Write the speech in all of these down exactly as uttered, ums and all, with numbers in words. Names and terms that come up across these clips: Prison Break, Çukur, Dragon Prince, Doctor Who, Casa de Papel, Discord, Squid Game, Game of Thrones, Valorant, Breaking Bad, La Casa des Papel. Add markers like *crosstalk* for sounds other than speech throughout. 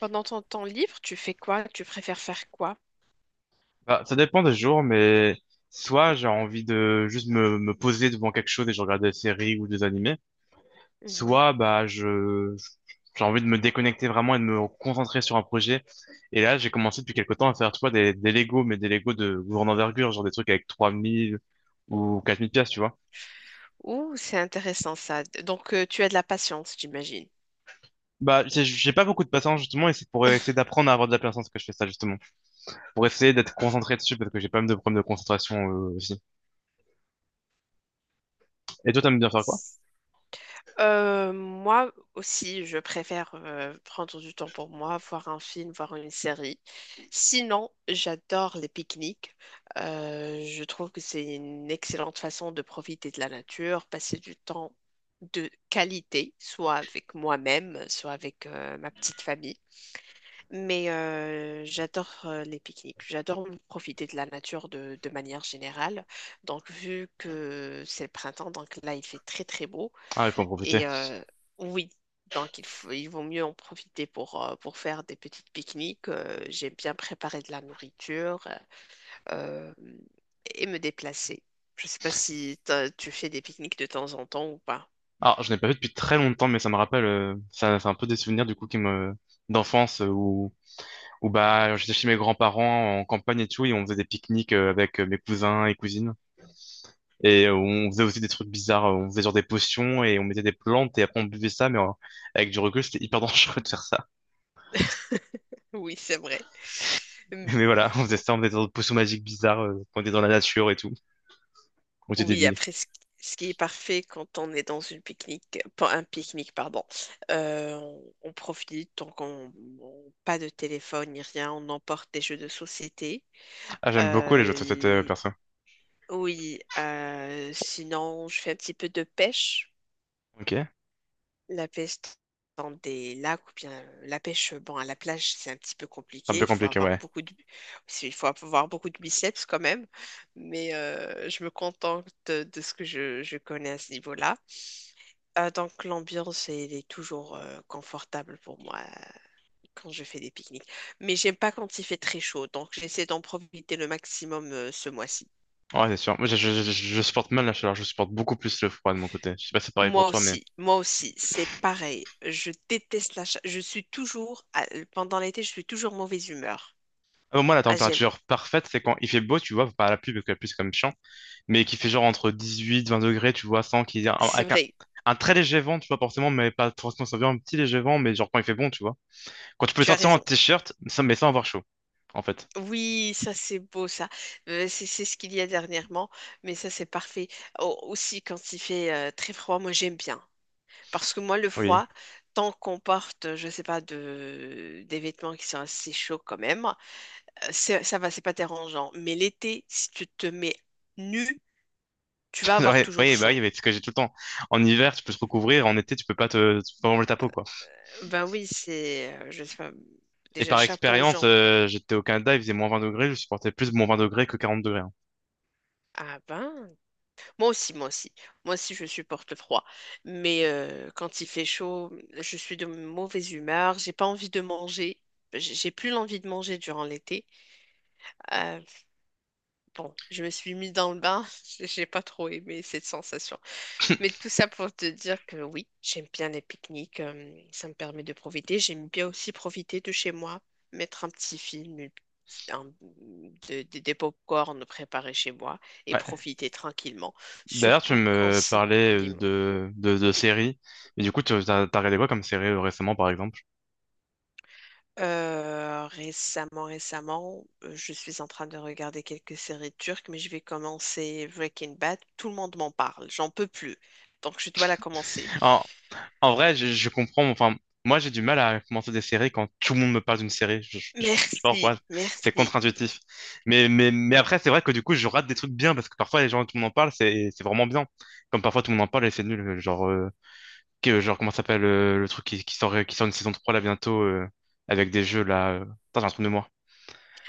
Pendant ton temps libre, tu fais quoi? Tu préfères faire quoi? Bah, ça dépend des jours, mais soit j'ai envie de juste me, me poser devant quelque chose et je regarde des séries ou des animés, Mhm. soit bah je j'ai envie de me déconnecter vraiment et de me concentrer sur un projet. Et là, j'ai commencé depuis quelque temps à faire, tu vois, des, des Lego, mais des Lego de grande envergure, genre des trucs avec trois mille ou quatre mille pièces, tu vois. Ouh, c'est intéressant ça. Donc, euh, tu as de la patience, j'imagine. Bah, j'ai j'ai pas beaucoup de patience, justement, et c'est pour essayer d'apprendre à avoir de la patience que je fais ça, justement. Pour essayer d'être concentré dessus, parce que j'ai pas mal de problèmes de concentration, euh, aussi. Et toi, t'aimes bien faire quoi? *laughs* Euh, moi aussi, je préfère euh, prendre du temps pour moi, voir un film, voir une série. Sinon, j'adore les pique-niques. Euh, je trouve que c'est une excellente façon de profiter de la nature, passer du temps de qualité, soit avec moi-même, soit avec euh, ma petite famille. Mais euh, j'adore euh, les pique-niques. J'adore profiter de la nature de de manière générale. Donc, vu que c'est le printemps, donc là, il fait très, très beau. Ah, il faut en profiter. Et euh, oui, donc il faut, il vaut mieux en profiter pour, euh, pour faire des petites pique-niques. Euh, j'aime bien préparer de la nourriture euh, et me déplacer. Je ne sais pas si t'as- tu fais des pique-niques de temps en temps ou pas. *laughs* Alors, je n'ai pas fait depuis très longtemps, mais ça me rappelle, euh, ça, c'est un peu des souvenirs du coup qui me d'enfance euh, où, où bah j'étais chez mes grands-parents en campagne et tout, et on faisait des pique-niques euh, avec euh, mes cousins et cousines, et euh, on faisait aussi des trucs bizarres, euh, on faisait genre des potions et on mettait des plantes et après on buvait ça, mais euh, avec du recul c'était hyper *laughs* dangereux de faire ça. Oui, c'est vrai. Hum, Mais voilà, on faisait ça, on faisait des potions magiques bizarres, euh, quand on était dans la nature et tout, on était Oui, débiles. après, ce ce qui est parfait quand on est dans une pique-nique, pas un pique-nique, pardon, euh, on, on profite, donc on, on- pas de téléphone ni rien, on emporte des jeux de société. Ah, j'aime beaucoup les jeux de société euh, euh, perso. Oui, euh, sinon je fais un petit peu de pêche. Ok, c'est La pêche dans des lacs ou bien euh, la pêche bon à la plage, c'est un petit peu un compliqué. peu Il faut compliqué, avoir ouais. beaucoup de c'est- il faut avoir beaucoup de biceps quand même, mais euh, je me contente de, de ce que je, je connais à ce niveau-là. Euh, donc l'ambiance elle est toujours euh, confortable pour moi euh, quand je fais des pique-niques. Mais j'aime pas quand il fait très chaud, donc j'essaie d'en profiter le maximum euh, ce mois-ci. Ouais, c'est sûr. Moi, je, je, je- je supporte mal la chaleur. Je supporte beaucoup plus le froid de mon côté. Je sais pas si c'est pareil pour Moi toi, mais… aussi, moi aussi, c'est pareil. Je déteste la cha- Je suis toujours, à- pendant l'été, je suis toujours mauvaise humeur. Ah bon, moi, la Ah, j'aime. température parfaite, c'est quand il fait beau, tu vois, pas à la pluie, parce que la pluie, c'est comme chiant, mais qu'il fait genre entre dix-huit, vingt degrés, tu vois, sans qu'il y ait un, C'est avec un, vrai, un très léger vent, tu vois, forcément, mais pas forcément, ça vient un petit léger vent, mais genre quand il fait bon, tu vois. Quand tu peux tu as sortir en raison. t-shirt, sans- mais sans avoir chaud, en fait. Oui, ça c'est beau, ça. Euh, c'est c'est ce qu'il y a dernièrement, mais ça c'est parfait. Au- aussi, quand il fait euh, très froid, moi j'aime bien. Parce que moi, le Oui. froid, tant qu'on porte, je sais pas, de, des vêtements qui sont assez chauds quand même, euh, c'est- ça va, c'est pas dérangeant. Mais l'été, si tu te mets nu, tu vas *laughs* avoir Ouais, toujours oui, bah oui, chaud. mais c'est ce que j'ai tout le temps. En hiver, tu peux te recouvrir, en été, tu peux pas te, tu peux pas manger ta peau, quoi. Ben oui, c'est, euh, je sais pas, Et déjà par chapeau aux expérience, gens. euh, j'étais au Canada, il faisait moins vingt degrés, je supportais plus moins vingt degrés que quarante degrés, hein. Ah ben, moi aussi, moi aussi. Moi aussi, je supporte le froid. Mais euh, quand il fait chaud, je suis de mauvaise humeur, j'ai pas envie de manger. J'ai j'ai plus l'envie de manger durant l'été. Euh, bon, je me suis mis dans le bain, *laughs* j'ai pas trop aimé cette sensation. Mais tout ça pour te dire que oui, j'aime bien les pique-niques, euh, ça me permet de profiter. J'aime bien aussi profiter de chez moi, mettre un petit film, une petite- un- de- de- des pop-corn préparés chez moi et Ouais. profiter tranquillement. D'ailleurs, tu Surtout quand me c'est... parlais Dis-moi. de, de, de séries. Et du coup, tu t'as, t'as regardé quoi comme série euh, récemment, par exemple? Euh, récemment, récemment, euh, je suis en train de regarder quelques séries turques, mais je vais commencer Breaking Bad. Tout le monde m'en parle, j'en peux plus. Donc je dois la commencer. En, en vrai, je, je comprends. Enfin, moi, j'ai du mal à commencer des séries quand tout le monde me parle d'une série. Je, je, je sais pas Merci, pourquoi. C'est merci. contre-intuitif. Mais, mais, mais après, c'est vrai que du coup, je rate des trucs bien parce que parfois, les gens, tout le monde en parle, c'est, c'est vraiment bien. Comme parfois, tout le monde en parle et c'est nul. euh, Genre, euh, que- genre comment ça s'appelle euh, le truc qui, qui sort, qui sort une saison trois là bientôt euh, avec des jeux là. euh. Putain, j'ai un trou de mémoire.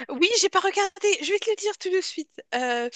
Oui, j'ai pas regardé. Je vais te le dire tout de suite. Euh,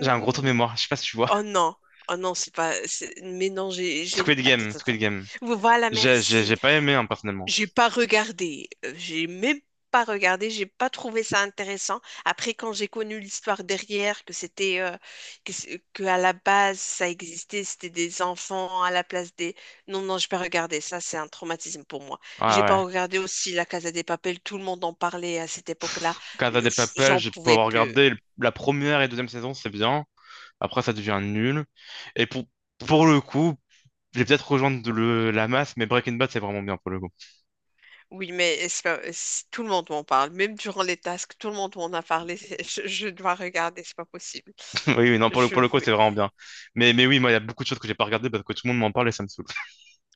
J'ai un gros trou de mémoire. Je sais pas si tu vois. Oh non, oh non, c'est pas. c'est- Mais non, j'ai, j'ai. Squid Attends, Game, attends, attends. Squid Game. Voilà, J'ai, j'ai, merci. j'ai pas aimé, hein, personnellement. J'ai pas regardé, euh, j'ai même pas regardé, j'ai pas trouvé ça intéressant. Après, quand j'ai connu l'histoire derrière, que c'était euh, que, c'est- que à la base ça existait, c'était des enfants à la place des. Non, non, j'ai pas regardé. Ça, c'est un traumatisme pour moi. Ouais, J'ai pas ouais. regardé aussi La Casa des Papel. Tout le monde en parlait à cette époque-là. Casa de Pff, Papel, j'en j'ai pu pouvais avoir plus. regardé le- la première et deuxième saison, c'est bien. Après, ça devient nul. Et pour, pour le coup, j'ai peut-être rejoindre le, la masse, mais Breaking Bad, c'est vraiment bien pour le coup. Oui, mais c'est pas- c'est- tout le monde m'en parle. Même durant les tasks, tout le monde m'en a parlé. *laughs* Je, je dois regarder, c'est pas possible. *laughs* Oui, oui, non, pour le, Je pour le coup, c'est vais- vraiment bien. Mais, mais oui, moi, il y a beaucoup de choses que j'ai pas regardées parce que tout le monde m'en parle et ça me saoule.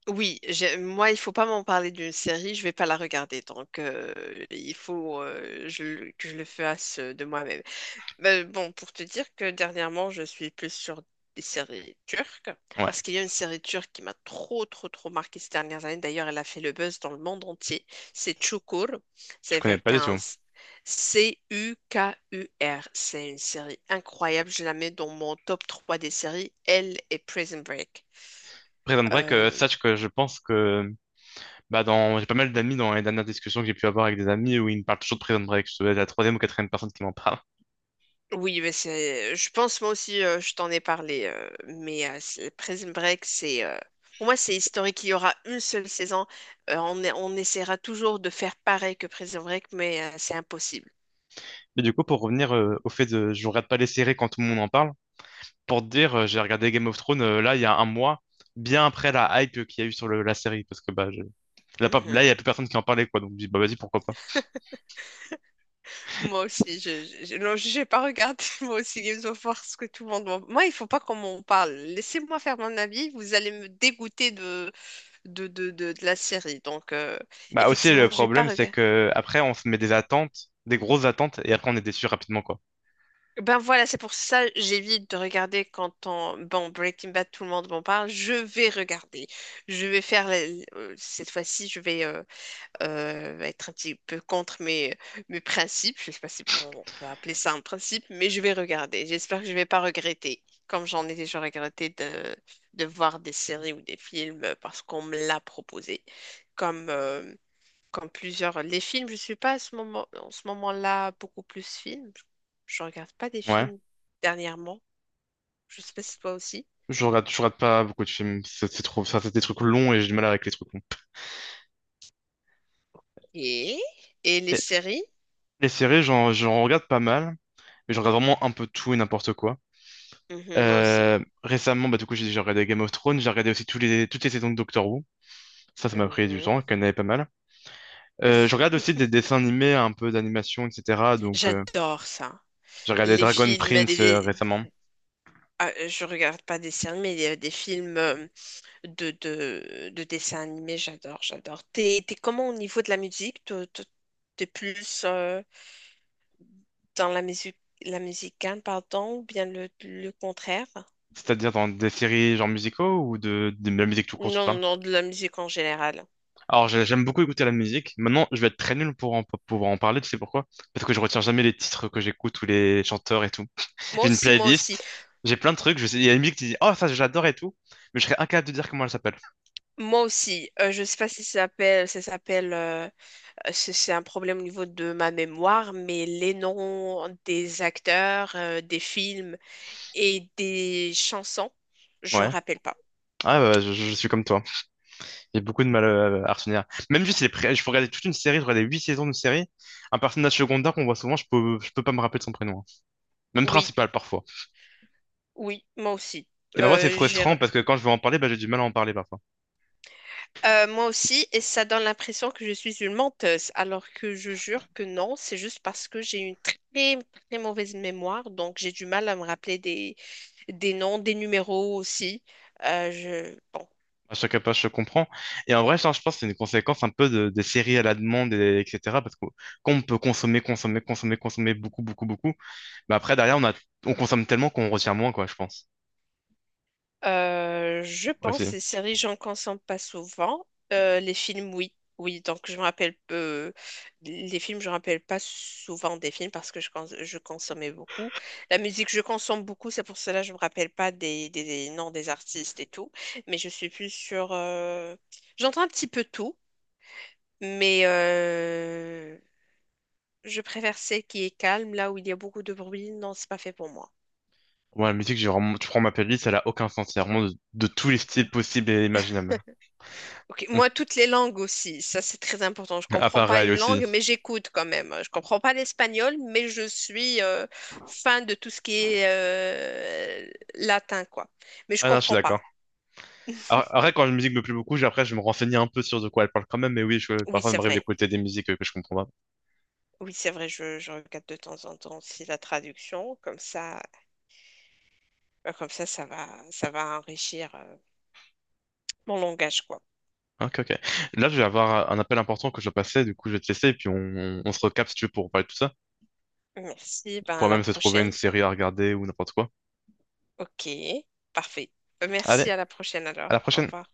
Oui, j'ai- moi, il faut pas m'en parler d'une série, je vais pas la regarder. Donc, euh, il faut euh, je le- que je le fasse euh, de moi-même. Mais bon, pour te dire que dernièrement, je suis plus sur des séries turques, Ouais, parce qu'il y a une série turque qui m'a trop, trop, trop marqué ces dernières années. D'ailleurs, elle a fait le buzz dans le monde entier. C'est Çukur. C'est je connais avec pas du un tout. s- C-U-K-U-R. C'est une série incroyable. Je la mets dans mon top trois des séries. Elle et Prison Break. Prison Break, euh, sache que je pense que bah dans j'ai pas mal d'amis dans les dernières discussions que j'ai pu avoir avec des amis où ils me parlent toujours de Prison Break. Je dois être la troisième ou quatrième personne qui m'en parle. Oui, mais c'est. Je pense moi aussi, euh, je t'en ai parlé, euh, mais euh, c'est- Prison Break, c'est. Euh, Pour moi, c'est historique. Il y aura une seule saison. Euh, on, est- on essaiera toujours de faire pareil que Prison Break, mais euh, c'est impossible. Mais du coup, pour revenir euh, au fait de je regarde pas les séries quand tout le monde en parle, pour te dire, euh, j'ai regardé Game of Thrones euh, là il y a un mois, bien après la hype euh, qu'il y a eu sur le- la série, parce que bah, je- là, pas- là, Mhm. il y a plus personne qui en parlait, quoi, donc je me dis, bah vas-y, pourquoi pas. Moi aussi, je, je, je- non, j'ai pas regardé *laughs* moi aussi Games of War ce que tout le monde. m'en- Moi, il faut pas qu'on m'en parle. Laissez-moi faire mon avis. Vous allez me dégoûter de de de, de, de la série. Donc, euh, Bah aussi, le effectivement, j'ai pas problème, c'est regardé. que après, on se met des attentes, des grosses attentes, et après, on est déçu rapidement, quoi. Ben voilà, c'est pour ça j'évite de regarder quand on... Bon, Breaking Bad, tout le monde m'en parle. Je vais regarder. Je vais faire... la- euh, Cette fois-ci, je vais euh, euh, être un petit peu contre mes, mes principes. Je sais pas si on peut appeler ça un principe, mais je vais regarder. J'espère que je vais pas regretter, comme j'en ai déjà regretté de, de voir des séries ou des films parce qu'on me l'a proposé. Comme... euh, comme plusieurs. Les films, je suis pas à ce moment, en ce moment-là beaucoup plus film. Je regarde pas des Ouais. films dernièrement. Je sais pas si toi aussi. Je regarde, je regarde pas beaucoup de films, c'est c'est trop, ça, c'est des trucs longs et j'ai du mal avec les trucs longs. Et, et les Et séries? les séries, j'en j'en regarde pas mal, mais je regarde vraiment un peu tout et n'importe quoi. Mhm, moi aussi. Euh, récemment, bah, du coup, j'ai j'ai regardé Game of Thrones, j'ai regardé aussi tous les, toutes les saisons de Doctor Who. Ça, ça m'a pris du Mhm. temps, qu'il y en avait pas mal. Euh, je *laughs* regarde aussi des dessins animés, un peu d'animation, et cetera. Donc, euh, J'adore ça. j'ai regardé Les Dragon films, des, Prince euh, des- récemment. ah, je regarde pas des séries, mais des, des films euh, de, de, de dessins animés, j'adore, j'adore. T'es, t'es comment au niveau de la musique? Toi, toi, t'es plus euh, dans la musique, la musicale, pardon, ou bien le, le contraire? C'est-à-dire dans des séries genre musicaux ou de, de la musique tout court, tu Non, parles? non, de la musique en général. Alors, j'ai- j'aime beaucoup écouter la musique. Maintenant, je vais être très nul pour en- pour pouvoir en parler, tu sais pourquoi? Parce que je retiens jamais les titres que j'écoute ou les chanteurs et tout. Moi J'ai une aussi, moi aussi, playlist, j'ai plein de trucs, je sais, il y a une musique qui dit «Oh, ça, j'adore et tout», mais je serais incapable de dire comment elle s'appelle. moi aussi. Euh, je sais pas si ça s'appelle, ça s'appelle, euh, c'est c'est un problème au niveau de ma mémoire, mais les noms des acteurs, euh, des films et des chansons, je me Ouais. rappelle pas. Ah bah, je, je suis comme toi. J'ai beaucoup de mal euh, à retenir. Même juste, les pré- je peux regarder toute une série, je regarder huit saisons d'une série. Un personnage secondaire qu'on voit souvent, je peux, je peux pas me rappeler de son prénom, hein. Même Oui, principal, parfois. oui, moi aussi. Et parfois, c'est Euh, j'ai frustrant parce que quand je veux en parler, bah, j'ai du mal à en parler, parfois. Euh, moi aussi, et ça donne l'impression que je suis une menteuse, alors que je jure que non, c'est juste parce que j'ai une très, très mauvaise mémoire, donc j'ai du mal à me rappeler des, des noms, des numéros aussi. Euh, je, bon, À chaque page, je comprends. Et en vrai, ça, je pense que c'est une conséquence un peu de- des séries à la demande, et- etc. Parce que quand on peut consommer, consommer, consommer, consommer beaucoup, beaucoup, beaucoup, bah après, derrière, on a, on consomme tellement qu'on retient moins, quoi, je pense. Euh, je pense Aussi. les séries, j'en consomme pas souvent. Euh, les films, oui. Oui, donc je me rappelle peu. Les films, je me rappelle pas souvent des films parce que je, cons- je consommais beaucoup. La musique, je consomme beaucoup, c'est pour cela que je me rappelle pas des, des, des noms des artistes et tout. Mais je suis plus sur. euh, J'entends un petit peu tout, mais euh, je préfère celle qui est calme, là où il y a beaucoup de bruit. Non, c'est pas fait pour moi. Moi, la musique, j'ai vraiment, tu prends ma playlist, elle a aucun sens. Il vraiment de, de tous les styles possibles et imaginables. Ok, moi, toutes les langues aussi, ça c'est très important. Je Ah, comprends pas pareil une aussi. langue, mais j'écoute quand même. Je comprends pas l'espagnol, mais je suis euh, fan de tout ce qui est euh, latin, quoi. Mais je Ah non, je suis comprends pas. d'accord. Alors, après, quand une musique me plaît beaucoup, j'ai- après, je me renseigne un peu sur de quoi elle parle quand même. Mais oui, je, Oui, parfois, il c'est m'arrive vrai. d'écouter des musiques euh, que je comprends pas. Oui, c'est vrai. Je, je regarde de temps en temps aussi la traduction, comme ça, ben, comme ça, ça va, ça va enrichir euh, mon langage, quoi. Ok, ok. Là, je vais avoir un appel important que je dois passer, du coup, je vais te laisser et puis on, on on se recapte si tu veux pour parler de tout ça. Merci. On Ben à pourra la même se trouver une prochaine. série à regarder ou n'importe quoi. Ok, parfait. Allez, Merci à la prochaine alors. à la Au prochaine! revoir.